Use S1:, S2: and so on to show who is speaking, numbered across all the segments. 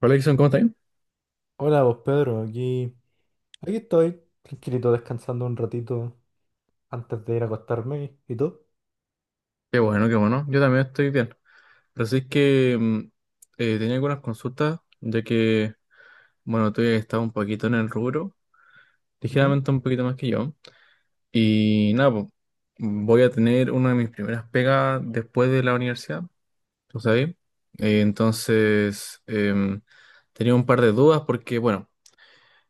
S1: Hola, Jason, ¿cómo estás?
S2: Hola vos Pedro, aquí, aquí estoy, tranquilito, descansando un ratito antes de ir a acostarme. ¿Y tú?
S1: Qué bueno, qué bueno. Yo también estoy bien. Así es que tenía algunas consultas, ya que, bueno, tú ya estás un poquito en el rubro,
S2: ¿Mm?
S1: ligeramente un poquito más que yo. Y nada, po, voy a tener una de mis primeras pegas después de la universidad, tú sabes. Entonces, tenía un par de dudas porque, bueno,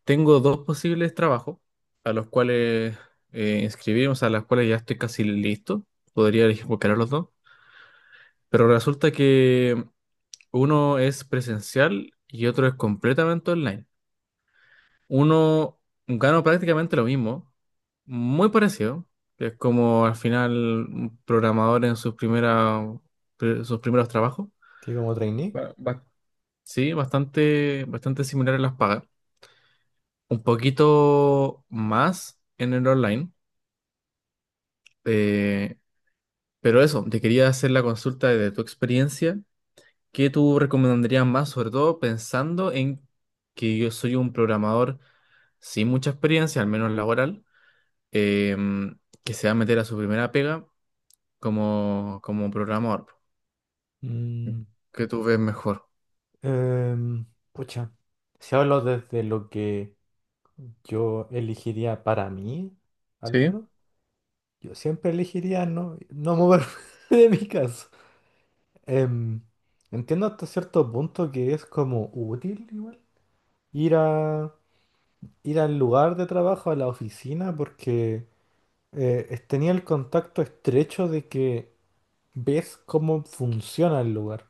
S1: tengo dos posibles trabajos a los cuales inscribirme, o sea, a los cuales ya estoy casi listo. Podría elegir cualquiera de los dos. Pero resulta que uno es presencial y otro es completamente online. Uno gana prácticamente lo mismo, muy parecido, que es como al final un programador en sus primeras, sus primeros trabajos.
S2: ¿Sí, como trainee?
S1: Ba- ba- sí, bastante similar en las pagas. Un poquito más en el online. eh, pero eso, te quería hacer la consulta de tu experiencia. ¿Qué tú recomendarías más, sobre todo pensando en que yo soy un programador sin mucha experiencia, al menos laboral, que se va a meter a su primera pega como, como programador?
S2: Mm,
S1: ¿Qué tú ves mejor?
S2: em, Pucha, si hablo desde lo que yo elegiría para mí, al
S1: Sí,
S2: menos, yo siempre elegiría no moverme de mi casa. Em, Entiendo hasta cierto punto que es como útil igual ir a, ir al lugar de trabajo, a la oficina, porque tenía el contacto estrecho de que ves cómo funciona el lugar,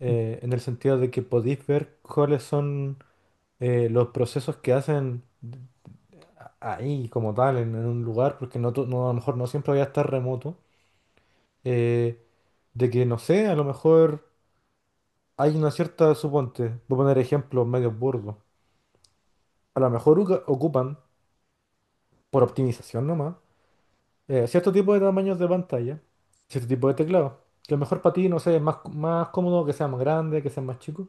S2: en el sentido de que podéis ver cuáles son los procesos que hacen ahí como tal, en un lugar, porque a lo mejor no siempre voy a estar remoto, eh, de que no sé, a lo mejor hay una cierta, suponte, voy a poner ejemplos medio burdos, a lo mejor ocupan, por optimización nomás, cierto tipo de tamaños de pantalla, cierto tipo de teclado. Que a lo mejor para ti, no sé, más cómodo que sea más grande, que sea más chico.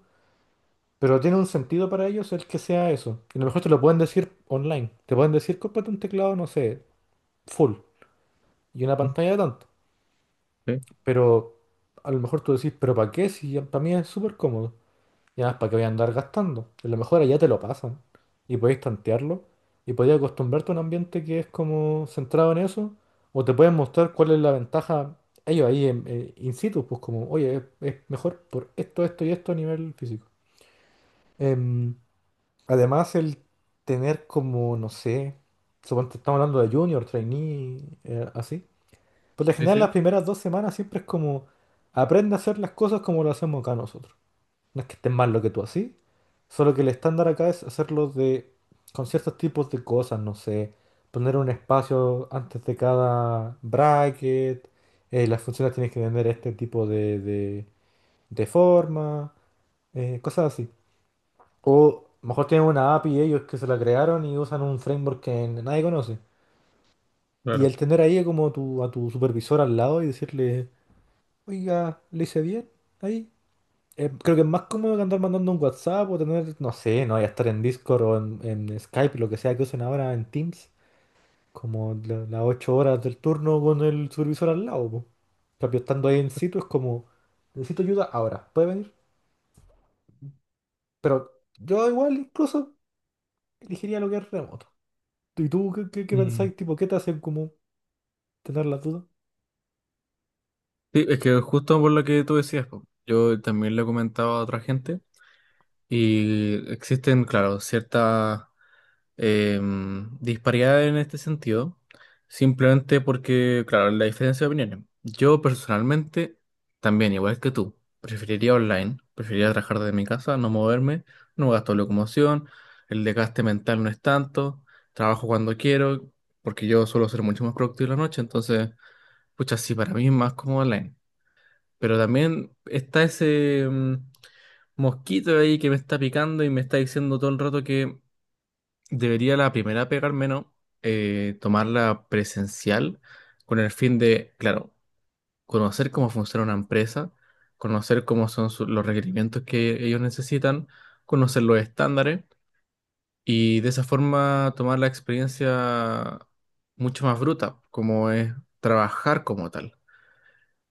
S2: Pero tiene un sentido para ellos el que sea eso. Y a lo mejor te lo pueden decir online. Te pueden decir, cómprate un teclado, no sé, full. Y una
S1: mm,
S2: pantalla de tanto.
S1: sí,
S2: Pero a lo mejor tú decís, pero ¿para qué? Si para mí es súper cómodo. Y además, ¿para qué voy a andar gastando? A lo mejor allá te lo pasan y podéis tantearlo y podéis acostumbrarte a un ambiente que es como centrado en eso o te pueden mostrar cuál es la ventaja ellos ahí in situ, pues como, oye, es mejor por esto, esto y esto a nivel físico. Em, Además, el tener como, no sé, suponte estamos hablando de junior, trainee, así. Por lo
S1: sí,
S2: general, las
S1: sí,
S2: primeras dos semanas siempre es como, aprende a hacer las cosas como lo hacemos acá nosotros. No es que esté mal lo que tú haces, solo que el estándar acá es hacerlo con ciertos tipos de cosas, no sé, poner un espacio antes de cada bracket, las funciones tienen que tener este tipo de, de forma, cosas así. O mejor tienen una API ellos que se la crearon y usan un framework que nadie conoce. Y
S1: claro.
S2: el tener ahí como tu, a tu supervisor al lado y decirle, oiga, le hice bien ahí. Creo que es más cómodo que andar mandando un WhatsApp o tener, no sé, no, ya estar en Discord en Skype, lo que sea que usen ahora en Teams, como las 8 horas del turno con el supervisor al lado, po. En cambio, estando ahí en sitio es como, necesito ayuda ahora, ¿puede venir? Pero yo igual incluso elegiría lo que es remoto. ¿Y tú qué
S1: Mm.
S2: pensáis? Tipo, ¿qué te hacen como tener la duda?
S1: Sí, es que justo por lo que tú decías, po, yo también lo he comentado a otra gente y existen, claro, ciertas eh, disparidad en este sentido, simplemente porque, claro, la diferencia de opiniones. Yo personalmente, también, igual que tú, preferiría online, preferiría trabajar desde mi casa, no moverme, no gasto locomoción, el desgaste mental no es tanto, trabajo cuando quiero, porque yo suelo ser mucho más productivo en la noche, entonces, pucha, sí, para mí es más cómodo online. Pero también está ese mm, mosquito ahí que me está picando y me está diciendo todo el rato que debería la primera pegar menos, tomarla presencial con el fin de, claro, conocer cómo funciona una empresa, conocer cómo son los requerimientos que ellos necesitan, conocer los estándares y de esa forma tomar la experiencia mucho más bruta, como es trabajar como tal.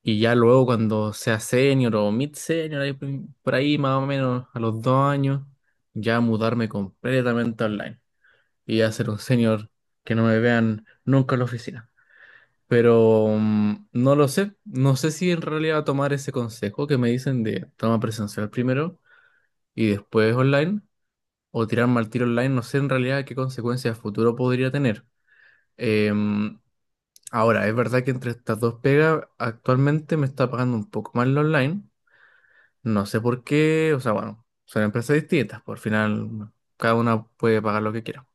S1: Y ya luego cuando sea senior o mid senior, ahí por ahí más o menos a los 2 años, ya mudarme completamente online y ya ser un senior que no me vean nunca en la oficina. Pero mm, no lo sé, no sé si en realidad tomar ese consejo que me dicen de toma presencial primero y después online o tirarme al tiro online, no sé en realidad qué consecuencias a futuro podría tener. Em, Ahora, es verdad que entre estas dos pegas actualmente me está pagando un poco más lo online, no sé por qué, o sea, bueno, son empresas distintas, por final cada una puede pagar lo que quiera.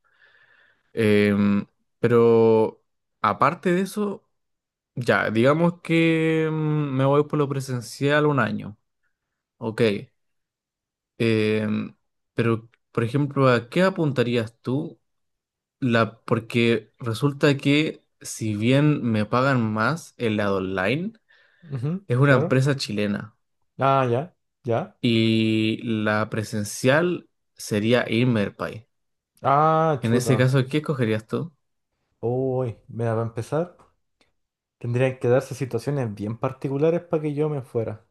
S1: Em, pero aparte de eso, ya, digamos que mm, me voy por lo presencial un año, ok. Em, pero, por ejemplo, ¿a qué apuntarías tú? La, porque resulta que si bien me pagan más el lado online,
S2: Ujú,
S1: es una
S2: claro.
S1: empresa chilena
S2: Ah, ya, ya.
S1: y la presencial sería Inmerpay.
S2: Ah,
S1: En
S2: chuta.
S1: ese caso, ¿qué escogerías tú?
S2: Uy, mira, para empezar. Tendrían que darse situaciones bien particulares para que yo me fuera.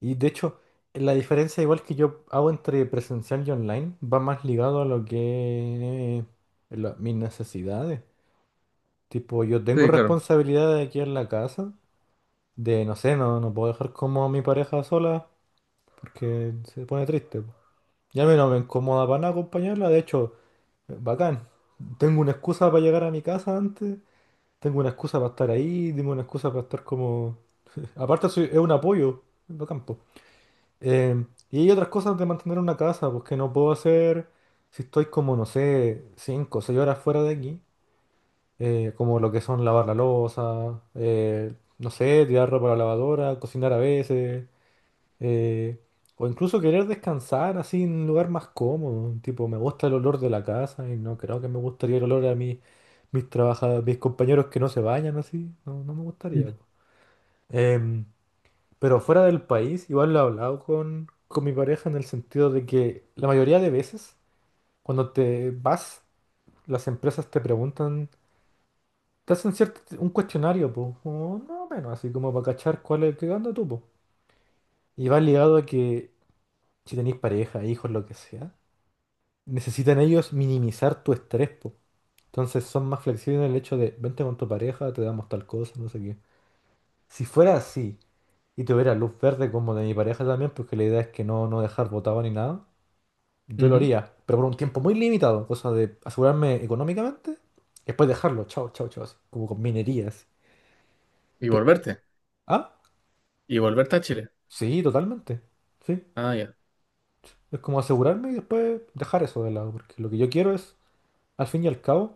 S2: Y de hecho, la diferencia igual que yo hago entre presencial y online va más ligado a lo que es mis necesidades. Tipo, yo tengo
S1: Sí, claro.
S2: responsabilidades aquí en la casa, de no sé, no puedo dejar como a mi pareja sola porque se pone triste, po. Y a mí no me incomoda para nada acompañarla, de hecho, bacán. Tengo una excusa para llegar a mi casa antes, tengo una excusa para estar ahí, tengo una excusa para estar como. Aparte es un apoyo, es bacán, po. Eh, y hay otras cosas de mantener una casa, pues que no puedo hacer si estoy como, no sé, 5 o 6 horas fuera de aquí, como lo que son lavar la loza, no sé, tirar ropa a la lavadora, cocinar a veces, eh, o incluso querer descansar así en un lugar más cómodo, tipo, me gusta el olor de la casa y no creo que me gustaría el olor a mis, mis compañeros que no se bañan así, no, no me gustaría,
S1: Mm.
S2: po. Em, pero fuera del país, igual lo he hablado con mi pareja en el sentido de que la mayoría de veces, cuando te vas, las empresas te preguntan, te hacen cierto, un cuestionario, pues, o no menos, así como para cachar cuál es qué anda tú, po. Y va ligado a que si tenéis pareja, hijos, lo que sea, necesitan ellos minimizar tu estrés, po. Entonces son más flexibles en el hecho de, vente con tu pareja, te damos tal cosa, no sé qué. Si fuera así, y tuviera luz verde como de mi pareja también, porque la idea es que no, no dejar botado ni nada. Yo lo
S1: Ujú.
S2: haría, pero por un tiempo muy limitado, cosa de asegurarme económicamente, después dejarlo, chao, chao, chao, así, como con minerías.
S1: Y
S2: Pero,
S1: volverte.
S2: ah,
S1: Y volverte a Chile.
S2: sí, totalmente. Sí,
S1: Ah, ya.
S2: es como asegurarme y después dejar eso de lado, porque lo que yo quiero es, al fin y al cabo,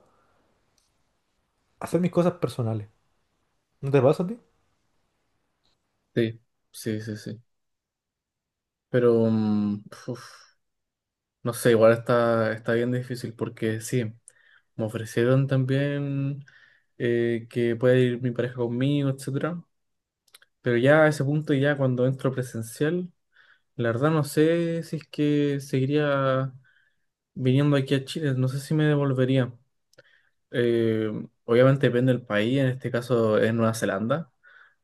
S2: hacer mis cosas personales. ¿No te pasa a ti?
S1: Sí, sí, sí, sí. Pero, mm, uf, no sé, igual está, está bien difícil porque sí, me ofrecieron también que pueda ir mi pareja conmigo, etcétera. Pero ya a ese punto, ya cuando entro presencial, la verdad no sé si es que seguiría viniendo aquí a Chile, no sé si me devolvería. Eh, Obviamente depende del país, en este caso es Nueva Zelanda,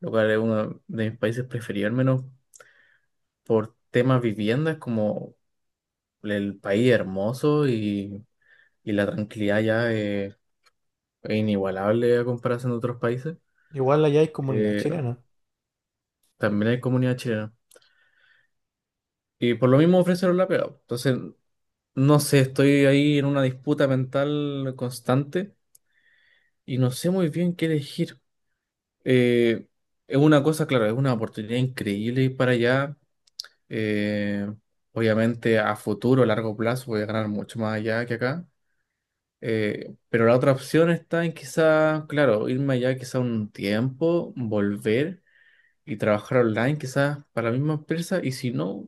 S1: lo cual es uno de mis países preferidos, al menos por temas viviendas, como el país hermoso y la tranquilidad ya es inigualable a comparación de otros países.
S2: Igual allá hay comunidad
S1: Eh,
S2: chilena.
S1: También hay comunidad chilena. Y por lo mismo ofrecieron la pega. Entonces, no sé, estoy ahí en una disputa mental constante y no sé muy bien qué elegir. Eh, es una cosa, claro, es una oportunidad increíble ir para allá. Eh, Obviamente a futuro, a largo plazo, voy a ganar mucho más allá que acá. Pero la otra opción está en quizá, claro, irme allá quizá un tiempo, volver y trabajar online quizás para la misma empresa y si no,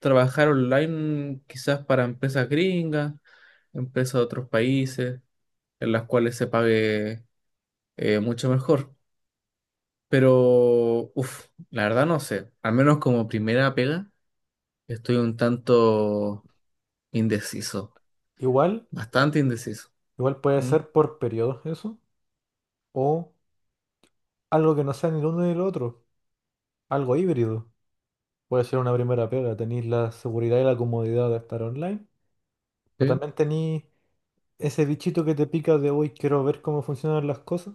S1: trabajar online quizás para empresas gringas, empresas de otros países en las cuales se pague mucho mejor. Pero, uff, la verdad no sé, al menos como primera pega estoy un tanto indeciso,
S2: Igual,
S1: bastante indeciso.
S2: igual puede
S1: ¿Mm?
S2: ser por periodos eso, o algo que no sea ni el uno ni el otro, algo híbrido. Puede ser una primera pega, tenéis la seguridad y la comodidad de estar online, pero
S1: Sí,
S2: también tenéis ese bichito que te pica de hoy quiero ver cómo funcionan las cosas,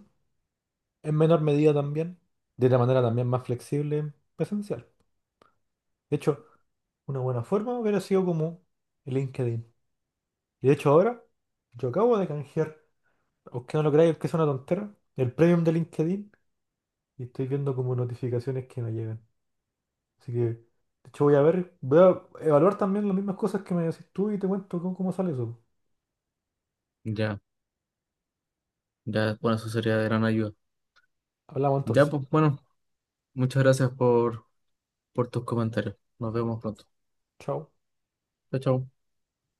S2: en menor medida también, de la manera también más flexible, presencial. De hecho, una buena forma hubiera sido como el LinkedIn. Y de hecho ahora, yo acabo de canjear, aunque no lo creáis, que es una tontera, el premium de LinkedIn y estoy viendo como notificaciones que me llegan. Así que, de hecho voy a ver, voy a evaluar también las mismas cosas que me decís tú y te cuento cómo cómo sale eso.
S1: ya, ya, bueno, eso sería de gran ayuda.
S2: Hablamos
S1: Ya,
S2: entonces.
S1: pues bueno, muchas gracias por tus comentarios. Nos vemos pronto.
S2: Chao.
S1: Chao, chao.